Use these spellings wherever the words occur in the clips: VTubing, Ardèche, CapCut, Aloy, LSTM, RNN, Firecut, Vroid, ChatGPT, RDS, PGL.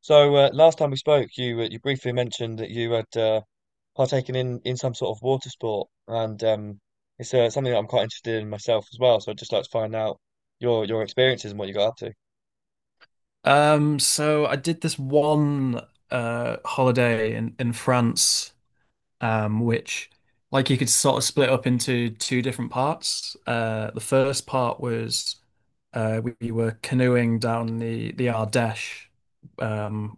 Last time we spoke, you you briefly mentioned that you had partaken in some sort of water sport, and it's something that I'm quite interested in myself as well. So I'd just like to find out your experiences and what you got up to. So I did this one holiday in France, which like you could sort of split up into two different parts. The first part was were canoeing down the Ardèche, um,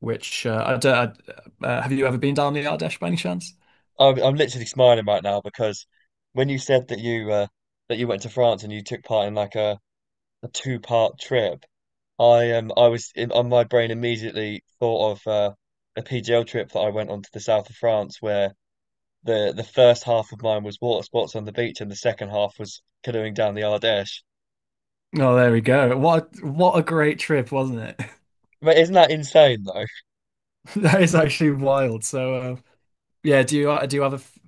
which I don't, I- have you ever been down the Ardèche by any chance? I'm literally smiling right now because when you said that you went to France and you took part in like a two-part trip, on my brain immediately thought of a PGL trip that I went on to the south of France where the first half of mine was water sports on the beach, and the second half was canoeing down the Ardèche. Oh, there we go. What a great trip, wasn't it? But isn't that insane though? That is actually wild. Do you have a f-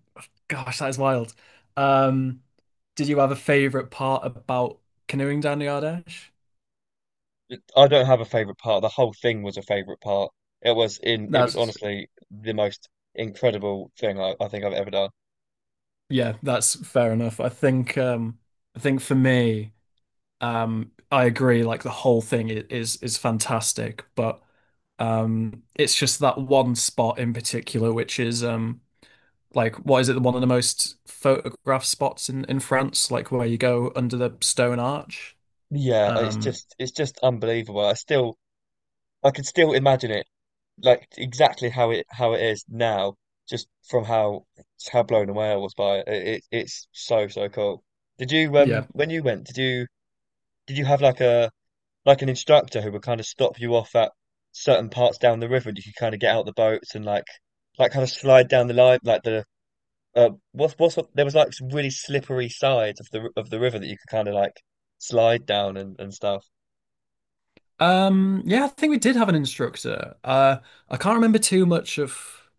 gosh, that is wild. Um, did you have a favorite part about canoeing down the Ardèche? I don't have a favorite part. The whole thing was a favorite part. It was in. It was That's honestly the most incredible thing I think I've ever done. yeah, that's fair enough. I think for me, I agree, like the whole thing is is fantastic, but it's just that one spot in particular which is like what is it, one of the most photographed spots in France, like where you go under the stone arch. Yeah, Um it's just unbelievable. I still I can still imagine it like exactly how it is now, just from how just how blown away I was by it. It, it's so cool. Did you yeah, when you went, did you have like a like an instructor who would kind of stop you off at certain parts down the river and you could kind of get out the boats and like kind of slide down the line like the what's there was like some really slippery sides of the river that you could kind of like slide down and stuff. Yeah, I think we did have an instructor. I can't remember too much of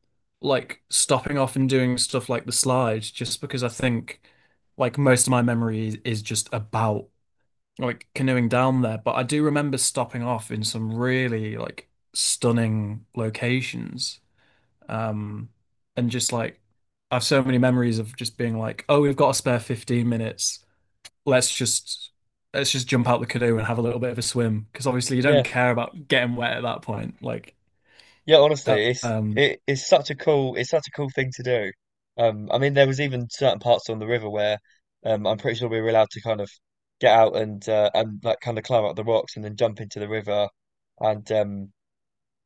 like stopping off and doing stuff like the slide, just because I think like most of my memory is just about like canoeing down there. But I do remember stopping off in some really like stunning locations. Um, and just like I have so many memories of just being like, oh, we've got a spare 15 minutes. Let's just let's just jump out the canoe and have a little bit of a swim because obviously you don't Yeah, care about getting wet at that point. Yeah, uh, honestly um, it's such a cool, it's such a cool thing to do. I mean there was even certain parts on the river where I'm pretty sure we were allowed to kind of get out and and like kind of climb up the rocks and then jump into the river. And um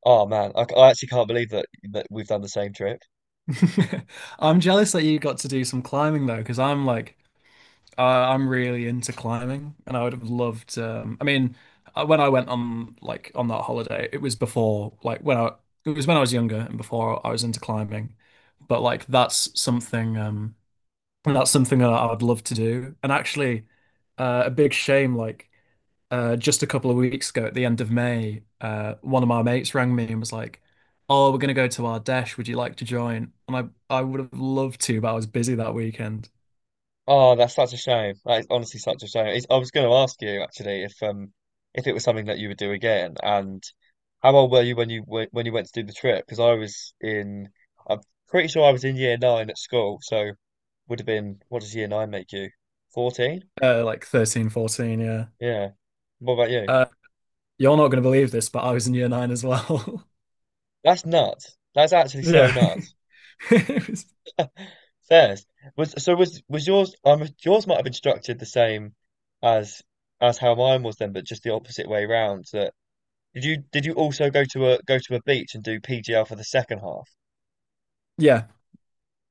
Oh man, I actually can't believe that we've done the same trip. I'm jealous that you got to do some climbing though because I'm like I'm really into climbing and I would have loved. When I went on like on that holiday, it was when I was younger and before I was into climbing, but like that's something that's something that I would love to do. And actually a big shame, like just a couple of weeks ago at the end of May, one of my mates rang me and was like, "Oh, we're gonna go to Ardèche. Would you like to join?" And I would have loved to, but I was busy that weekend. Oh, that's such a shame. That is honestly such a shame. It's, I was going to ask you actually if it was something that you would do again, and how old were you when you w when you went to do the trip? Because I'm pretty sure I was in year nine at school, so would have been, what does year nine make you? 14? Like 13, 14. Yeah. Yeah. What about you? Uh, you're not gonna believe this, but I was in year 9 as well. That's nuts. That's actually so Yeah. nuts. It was- Says was so was yours? I'm, yours might have been structured the same as as how mine was then, but just the opposite way round. That Did you, did you also go to a beach and do PGL for the second half? yeah,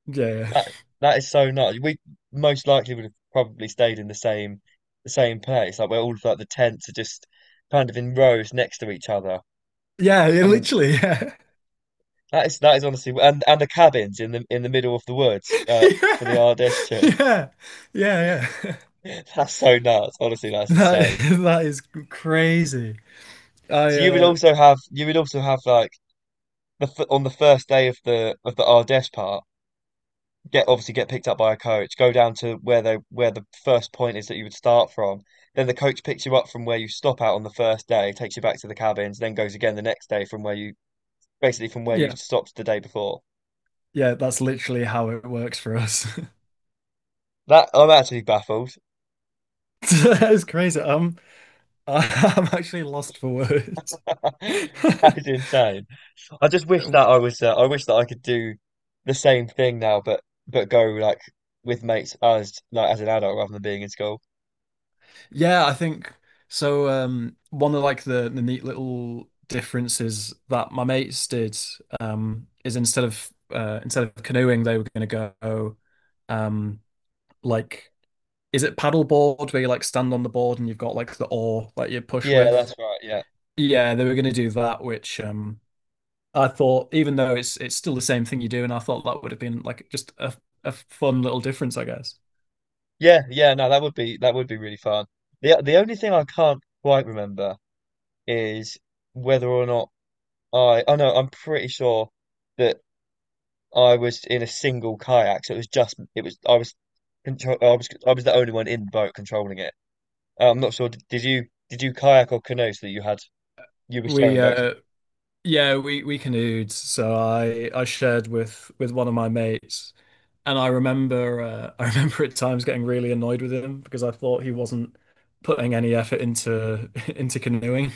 yeah, yeah, That, that is so nuts. We most likely would have probably stayed in the same, the same place. Like where all of like the tents are just kind of in rows next to each other. yeah, yeah, I mean literally, yeah, that is, that is honestly, and the cabins in the middle of the woods, for the yeah, RDS too. yeah, yeah, yeah. That's so nuts. Honestly, that's That insane. that is crazy. I So you would also have, you would also have like the f on the first day of the Ardèche part, get, obviously get picked up by a coach, go down to where they, where the first point is that you would start from. Then the coach picks you up from where you stop out on the first day, takes you back to the cabins, then goes again the next day from where you, basically from where you yeah. stopped the day before. Yeah, that's literally how it works for us. That, I'm actually baffled. That is crazy. I'm actually lost for words. That is insane. I just wish that I was I wish that I could do the same thing now, but go like with mates as like as an adult rather than being in school. Yeah, I think so. One of like the neat little differences that my mates did is instead of canoeing, they were going to go um, like is it paddleboard where you like stand on the board and you've got like the oar that you push Yeah, that's with? right. Yeah. Yeah, they were going to do that, which I thought, even though it's still the same thing you do, and I thought that would have been like just a fun little difference, I guess. Yeah, yeah, no, that would be, that would be really fun. The only thing I can't quite remember is whether or not I oh no, I'm pretty sure that I was in a single kayak, so it was just, it was I was control I was, I was the only one in the boat controlling it. I'm not sure, did you, did you kayak or canoe so that you had, you were We sharing boats? Yeah, we canoed, so I shared with one of my mates, and I remember I remember at times getting really annoyed with him because I thought he wasn't putting any effort into into canoeing.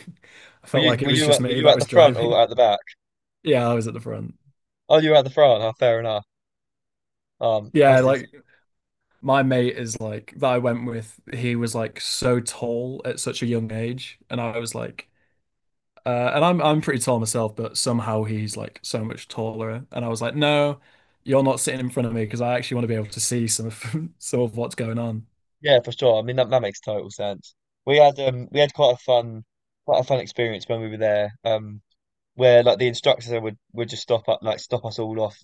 I Were felt you, like it was just were me you that at the was front driving. or at the back? Yeah, I was at the front. Oh, you were at the front. Oh, fair enough. Yeah, That's like my mate is like that I went with, he was like so tall at such a young age. And I was like, and I'm pretty tall myself, but somehow he's like so much taller. And I was like, no, you're not sitting in front of me because I actually want to be able to see some of some of what's going on. Yeah, for sure. I mean that, that makes total sense. We had quite a fun, quite a fun experience when we were there. Um, where like the instructors would just stop up like stop us all off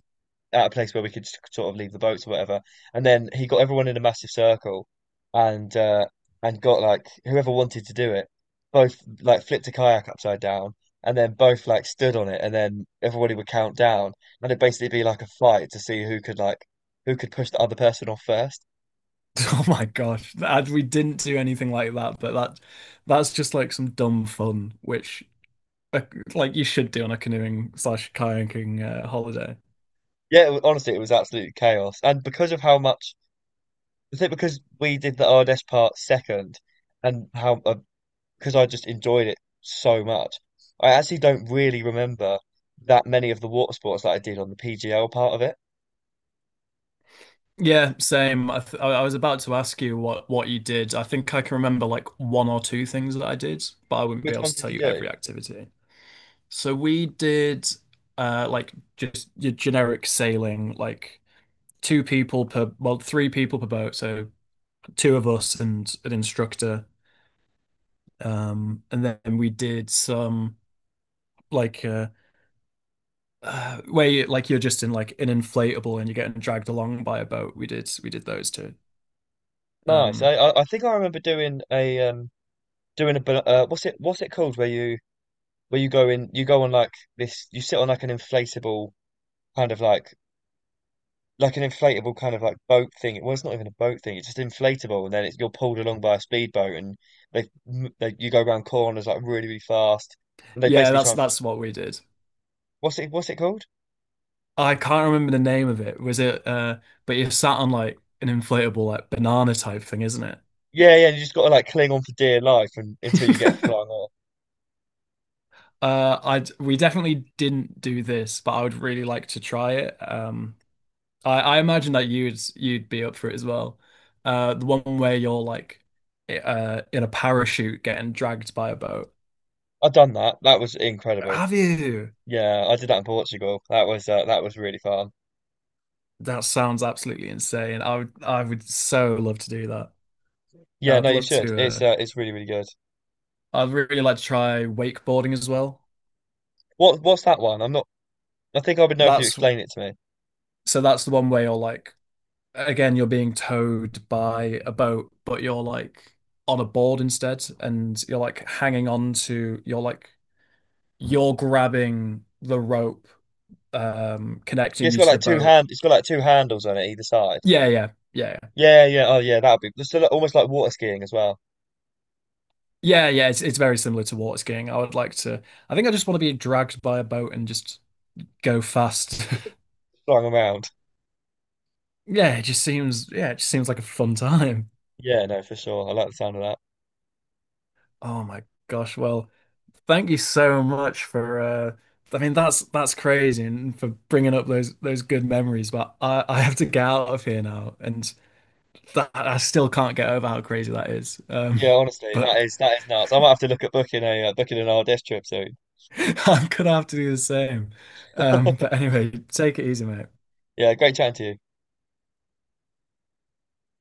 at a place where we could just sort of leave the boats or whatever. And then he got everyone in a massive circle and got, like, whoever wanted to do it, both like flipped a kayak upside down and then both like stood on it, and then everybody would count down, and it'd basically be like a fight to see who could like who could push the other person off first. Oh my gosh. And we didn't do anything like that, but that that's just like some dumb fun, which uh, like you should do on a canoeing slash kayaking holiday. Yeah, honestly, it was absolute chaos. And because of how much, I think because we did the RDS part second, and how because I just enjoyed it so much, I actually don't really remember that many of the water sports that I did on the PGL part of it. Yeah, same. I was about to ask you what you did. I think I can remember like one or two things that I did, but I wouldn't be Which able to ones did tell you you do? every activity. So we did like just your generic sailing, like two people per well, three people per boat, so two of us and an instructor. And then we did some like uh, where you like you're just in like an inflatable and you're getting dragged along by a boat. We did those two. Nice. Um I think I remember doing a doing a what's it, what's it called, where you go in, you go on like this, you sit on like an inflatable kind of like an inflatable kind of like boat thing. Well, it's not even a boat thing. It's just inflatable, and then it's, you're pulled along by a speedboat, and they, they, you go around corners like really really fast, and they yeah, basically try and that's what we did. what's it, what's it called? I can't remember the name of it. Was it But you're sat on like an inflatable like banana type thing, isn't Yeah, yeah. And you just got to like cling on for dear life and, until you get it? flung off. I We definitely didn't do this, but I would really like to try it. I imagine that you'd be up for it as well. The one where you're like in a parachute getting dragged by a boat. I've done that. That was incredible. Have you? Yeah, I did that in Portugal. That was really fun. That sounds absolutely insane. I would so love to do that. Yeah, no, I'd you love should. to uh It's really really good. I'd really like to try wakeboarding as well. What, what's that one? I'm not. I think I would know if you That's explain it to me. so that's the one where you're like, again, you're being towed by a boat, but you're like on a board instead, and you're like hanging on to, you're like, you're grabbing the rope, Yeah, connecting it's you got to the like two boat. hand, it's got like two handles on it either side. Yeah, yeah, yeah, yeah, Yeah, yeah, oh yeah, that'd be just a almost like water skiing as well, yeah. Yeah, it's very similar to water skiing. I would like to. I think I just want to be dragged by a boat and just go fast. flying around. Yeah, it just seems. Yeah, it just seems like a fun time. Yeah, no, for sure. I like the sound of that. Oh my gosh. Well, thank you so much for I mean that's crazy and for bringing up those good memories, but I have to get out of here now and that I still can't get over how crazy that is. Yeah, honestly, But that is, that is nuts. I might have to look at booking a booking an RDS trip soon. I'm gonna have to do the same. But anyway, take it easy, mate. Yeah, great chatting to you.